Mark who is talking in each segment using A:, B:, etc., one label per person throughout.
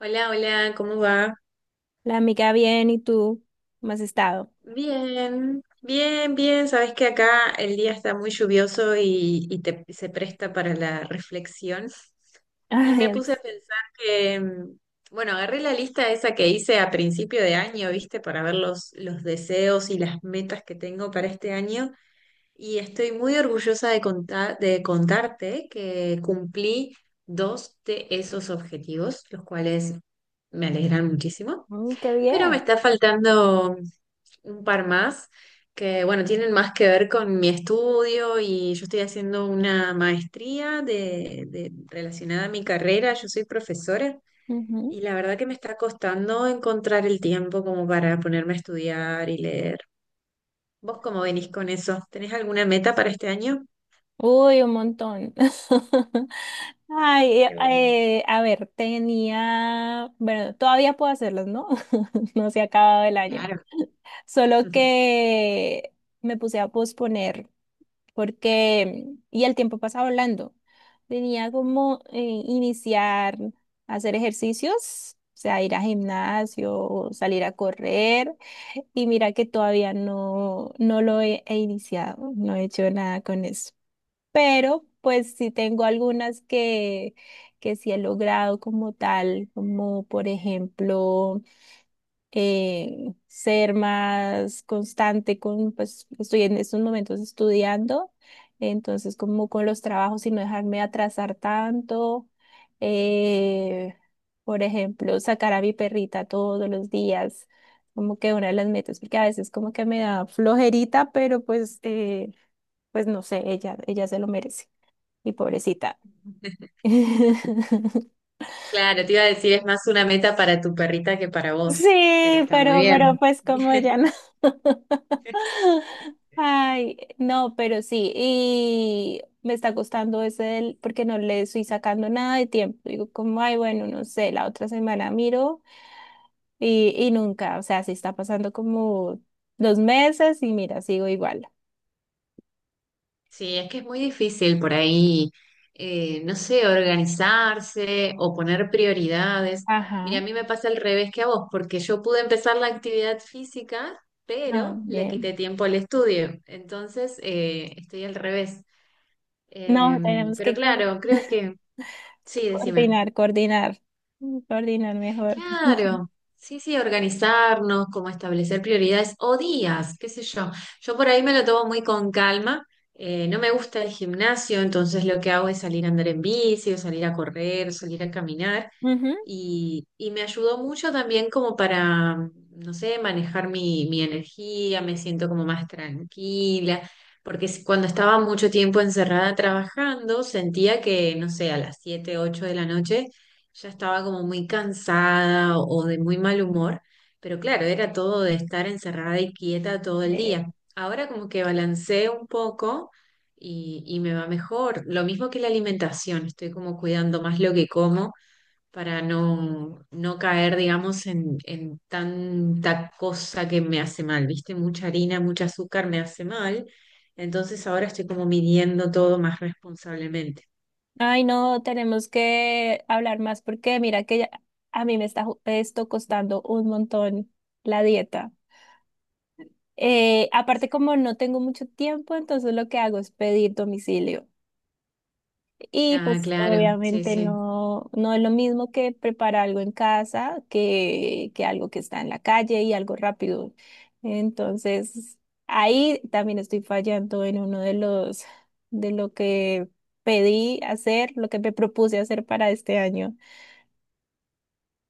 A: Hola, hola, ¿cómo va?
B: La amiga bien, ¿y tú? ¿Cómo has estado?
A: Bien, bien, bien. Sabes que acá el día está muy lluvioso y se presta para la reflexión. Y
B: Ay,
A: me
B: en
A: puse a
B: serio.
A: pensar que, bueno, agarré la lista esa que hice a principio de año, ¿viste? Para ver los deseos y las metas que tengo para este año. Y estoy muy orgullosa de contarte que cumplí dos de esos objetivos, los cuales me alegran muchísimo.
B: Mm, qué
A: Pero me
B: bien.
A: está faltando un par más que, bueno, tienen más que ver con mi estudio y yo estoy haciendo una maestría relacionada a mi carrera. Yo soy profesora
B: Ujú.
A: y la verdad que me está costando encontrar el tiempo como para ponerme a estudiar y leer. ¿Vos cómo venís con eso? ¿Tenés alguna meta para este año?
B: Uy, un montón. Ay,
A: Qué bueno.
B: a ver, tenía, bueno, todavía puedo hacerlos, ¿no? No se ha acabado el año.
A: Claro.
B: Solo que me puse a posponer porque, y el tiempo pasa volando. Tenía como iniciar a hacer ejercicios, o sea, ir a gimnasio, salir a correr. Y mira que todavía no lo he iniciado, no he hecho nada con eso. Pero pues sí tengo algunas que sí he logrado como tal, como por ejemplo ser más constante con, pues estoy en estos momentos estudiando, entonces como con los trabajos y no dejarme atrasar tanto. Eh, por ejemplo, sacar a mi perrita todos los días, como que una de las metas, porque a veces como que me da flojerita, pero pues, pues no sé, ella se lo merece, mi pobrecita.
A: Claro, te iba a decir, es más una meta para tu perrita que para vos, pero
B: Sí,
A: está muy
B: pero
A: bien.
B: pues como ya no. Ay, no, pero sí, y me está costando ese del- porque no le estoy sacando nada de tiempo. Digo, como, ay, bueno, no sé, la otra semana miro y nunca, o sea, sí está pasando como dos meses y mira, sigo igual.
A: Sí, es que es muy difícil por ahí, no sé, organizarse o poner prioridades.
B: Ajá,
A: Mira, a mí me pasa al revés que a vos, porque yo pude empezar la actividad física,
B: ah,
A: pero le
B: bien.
A: quité tiempo al estudio. Entonces, estoy al revés.
B: No,
A: Em,
B: tenemos
A: pero
B: que coor-
A: claro, creo que sí, decime.
B: coordinar, coordinar, coordinar mejor.
A: Claro, sí, sí, organizarnos, como establecer prioridades o días, qué sé yo. Yo por ahí me lo tomo muy con calma. No me gusta el gimnasio, entonces lo que hago es salir a andar en bici, o salir a correr, salir a caminar.
B: Ujú.
A: Y me ayudó mucho también como para, no sé, manejar mi energía, me siento como más tranquila, porque cuando estaba mucho tiempo encerrada trabajando, sentía que, no sé, a las 7 8 de la noche ya estaba como muy cansada o de muy mal humor, pero claro, era todo de estar encerrada y quieta todo el día.
B: Sí.
A: Ahora como que balanceo un poco y me va mejor. Lo mismo que la alimentación, estoy como cuidando más lo que como para no, no caer, digamos, en tanta cosa que me hace mal, ¿viste? Mucha harina, mucho azúcar me hace mal. Entonces ahora estoy como midiendo todo más responsablemente.
B: Ay, no, tenemos que hablar más porque mira que ya- a mí me está ju- esto costando un montón la dieta. Aparte, como no tengo mucho tiempo, entonces lo que hago es pedir domicilio. Y
A: Ah,
B: pues
A: claro, sí,
B: obviamente
A: sí.
B: no es lo mismo que preparar algo en casa que algo que está en la calle y algo rápido. Entonces, ahí también estoy fallando en uno de los, de lo que pedí hacer, lo que me propuse hacer para este año.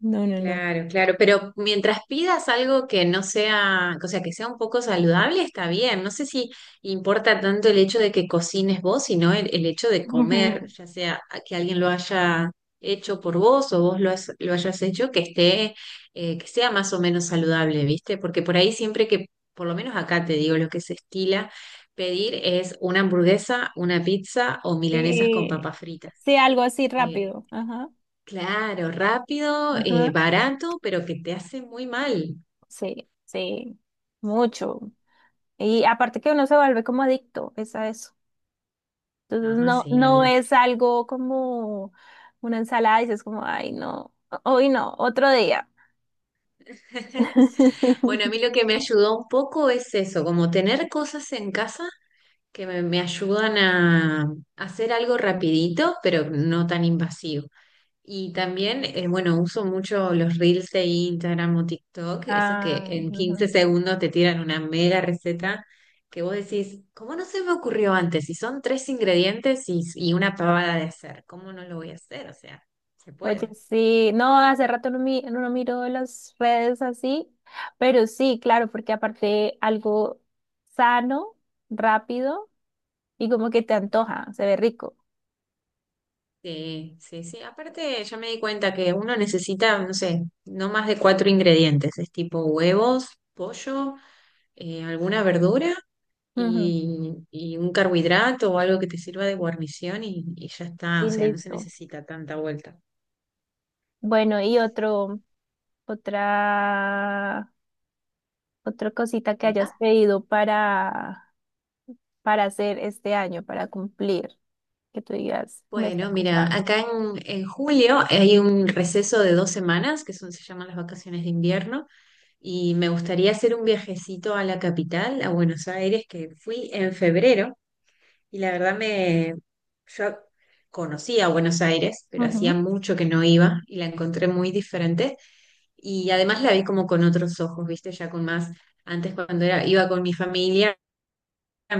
B: No, no, no.
A: Claro, claro, pero mientras pidas algo que no sea, o sea, que sea un poco saludable, está bien. No sé si importa tanto el hecho de que cocines vos, sino el hecho de comer,
B: Ujú.
A: ya sea que alguien lo haya hecho por vos o vos lo hayas hecho, que esté, que sea más o menos saludable, ¿viste? Porque por ahí siempre que, por lo menos acá te digo, lo que se estila pedir es una hamburguesa, una pizza o milanesas con
B: Sí,
A: papas fritas.
B: sí, algo así rápido. Ajá.
A: Claro, rápido,
B: Ajá.
A: barato, pero que te hace muy mal.
B: Sí, sí, mucho. Y aparte que uno se vuelve como adicto, es a eso. Entonces
A: Ah,
B: no,
A: sí, ni
B: no
A: hablar.
B: es algo como una ensalada, dices como, ay, no, hoy no, otro día.
A: Bueno, a mí lo que me ayudó un poco es eso, como tener cosas en casa que me ayudan a hacer algo rapidito, pero no tan invasivo. Y también, bueno, uso mucho los reels de Instagram o TikTok, esos que
B: Ah,
A: en 15
B: ujú.
A: segundos te tiran una mega receta que vos decís, ¿cómo no se me ocurrió antes? Si son tres ingredientes y una pavada de hacer, ¿cómo no lo voy a hacer? O sea, se
B: Oye,
A: puede.
B: sí, no, hace rato no, no miro las redes así, pero sí, claro, porque aparte algo sano, rápido y como que te antoja, se ve rico.
A: Sí, sí, sí. Aparte, ya me di cuenta que uno necesita, no sé, no más de cuatro ingredientes. Es tipo huevos, pollo, alguna verdura
B: Ujú.
A: y un carbohidrato o algo que te sirva de guarnición y ya está, o
B: Y
A: sea, no se
B: listo.
A: necesita tanta vuelta.
B: Bueno, y otro. Otra, otra cosita que
A: ¿Meta?
B: hayas pedido para hacer este año, para cumplir, que tú digas, me está
A: Bueno, mira,
B: costando.
A: acá en julio hay un receso de 2 semanas, que son, se llaman las vacaciones de invierno, y me gustaría hacer un viajecito a la capital, a Buenos Aires, que fui en febrero, y la verdad yo conocía a Buenos Aires, pero hacía
B: Ujú.
A: mucho que no iba y la encontré muy diferente. Y además la vi como con otros ojos, ¿viste? Ya con más, antes cuando era, iba con mi familia,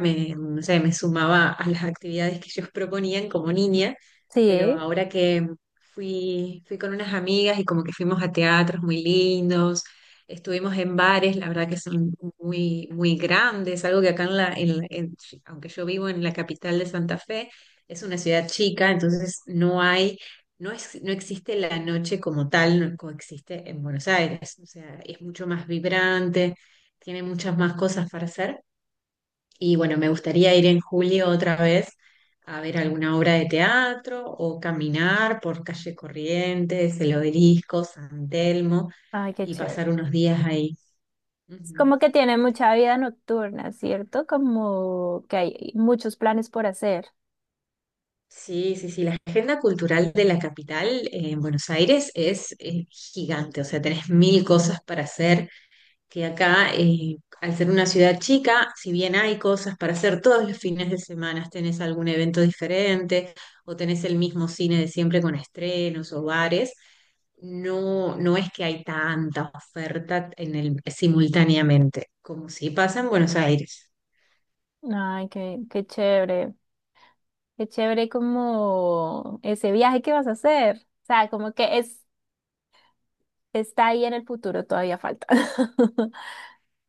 A: no sé, me sumaba a las actividades que ellos proponían como niña, pero
B: Sí,
A: ahora que fui con unas amigas y como que fuimos a teatros muy lindos, estuvimos en bares, la verdad que son muy, muy grandes, algo que acá aunque yo vivo en la capital de Santa Fe, es una ciudad chica, entonces no hay. No es, no existe la noche como tal, no coexiste en Buenos Aires. O sea, es mucho más vibrante, tiene muchas más cosas para hacer. Y bueno, me gustaría ir en julio otra vez a ver alguna obra de teatro o caminar por calle Corrientes, el Obelisco, San Telmo
B: ay, qué
A: y
B: chévere.
A: pasar unos días ahí.
B: Es
A: Ujú.
B: como que tiene mucha vida nocturna, ¿cierto? Como que hay muchos planes por hacer.
A: Sí, sí, sí, la agenda cultural de la capital en Buenos Aires es gigante, o sea, tenés mil cosas para hacer que acá, al ser una ciudad chica, si bien hay cosas para hacer todos los fines de semana, tenés algún evento diferente o tenés el mismo cine de siempre con estrenos o bares, no, no es que hay tanta oferta en el, simultáneamente, como si pasa en Buenos Aires.
B: Ay, qué, qué chévere. Qué chévere como ese viaje que vas a hacer. O sea, como que es, está ahí en el futuro, todavía falta.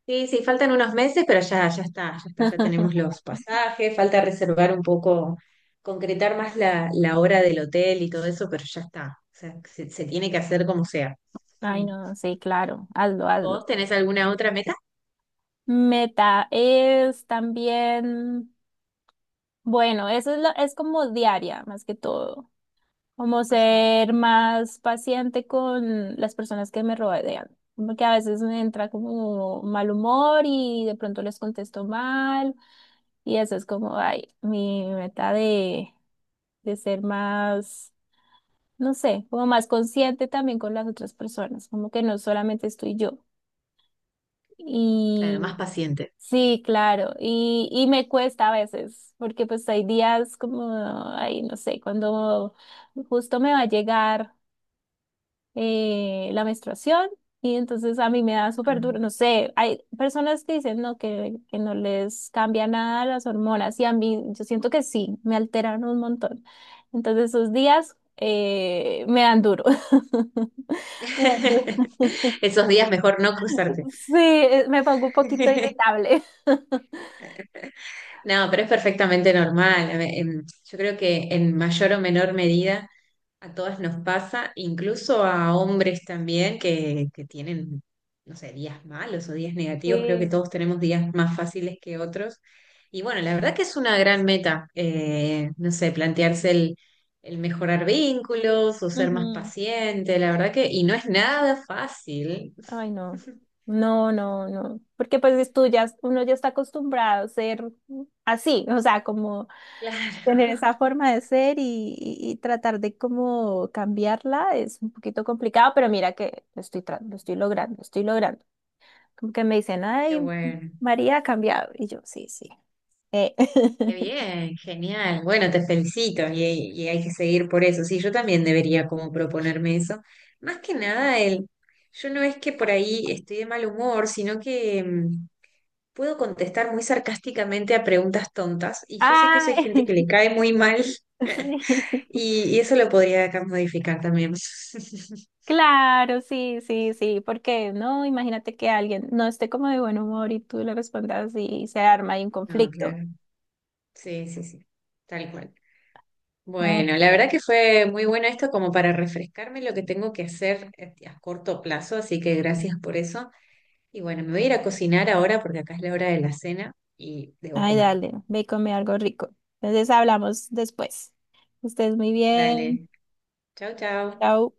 A: Sí, sí, faltan unos meses, pero ya está, ya está, ya tenemos los pasajes, falta reservar un poco, concretar más la hora del hotel y todo eso, pero ya está. O sea, se tiene que hacer como sea.
B: Ay,
A: Mm.
B: no, sí, claro, hazlo, hazlo.
A: ¿Vos tenés alguna otra meta?
B: Meta es también, bueno, eso es, lo- es como diaria más que todo, como
A: Ajá.
B: ser más paciente con las personas que me rodean, como que a veces me entra como mal humor y de pronto les contesto mal y eso es como, ay, mi meta de ser más, no sé, como más consciente también con las otras personas, como que no solamente estoy yo.
A: Claro, más paciente.
B: Sí, claro, y me cuesta a veces, porque pues hay días como, ay, no sé, cuando justo me va a llegar la menstruación y entonces a mí me da súper duro,
A: Ah.
B: no sé, hay personas que dicen no, que no les cambia nada las hormonas y a mí yo siento que sí, me alteran un montón. Entonces esos días me dan duro. Me dan duro.
A: Esos días mejor no cruzarte.
B: Sí, me pongo un poquito irritable.
A: No, pero es perfectamente normal. A ver, yo creo que en mayor o menor medida a todas nos pasa, incluso a hombres también que tienen, no sé, días malos o días negativos. Creo que
B: Sí.
A: todos tenemos días más fáciles que otros. Y bueno, la verdad que es una gran meta, no sé, plantearse el mejorar vínculos o ser más
B: Ujú.
A: paciente, la verdad que, y no es nada fácil.
B: Ay, no. No, no, no. Porque pues es tú ya, uno ya está acostumbrado a ser así, o sea, como tener
A: Claro,
B: esa forma de ser y tratar de como cambiarla es un poquito complicado, pero mira que lo estoy, tra- lo estoy logrando, lo estoy logrando. Como que me dicen,
A: qué
B: ay,
A: bueno.
B: María ha cambiado. Y yo, sí, sí. Eh.
A: Qué bien, genial. Bueno, te felicito y hay que seguir por eso. Sí, yo también debería como proponerme eso. Más que nada, yo no es que por ahí estoy de mal humor, sino que puedo contestar muy sarcásticamente a preguntas tontas y yo sé que eso
B: Ah,
A: hay gente que le cae muy mal
B: sí.
A: y eso lo podría acá modificar también.
B: Claro, sí, sí, sí, porque no, imagínate que alguien no esté como de buen humor y tú le respondas y se arma ahí un
A: No,
B: conflicto.
A: claro. Sí, sí, sí. Tal cual.
B: Ah,
A: Bueno, la verdad que fue muy bueno esto como para refrescarme lo que tengo que hacer a corto plazo, así que gracias por eso. Y bueno, me voy a ir a cocinar ahora porque acá es la hora de la cena y debo
B: ay,
A: comer.
B: dale, ve y come algo rico. Entonces hablamos después. Que estés muy bien.
A: Dale, chao, chao.
B: Chao.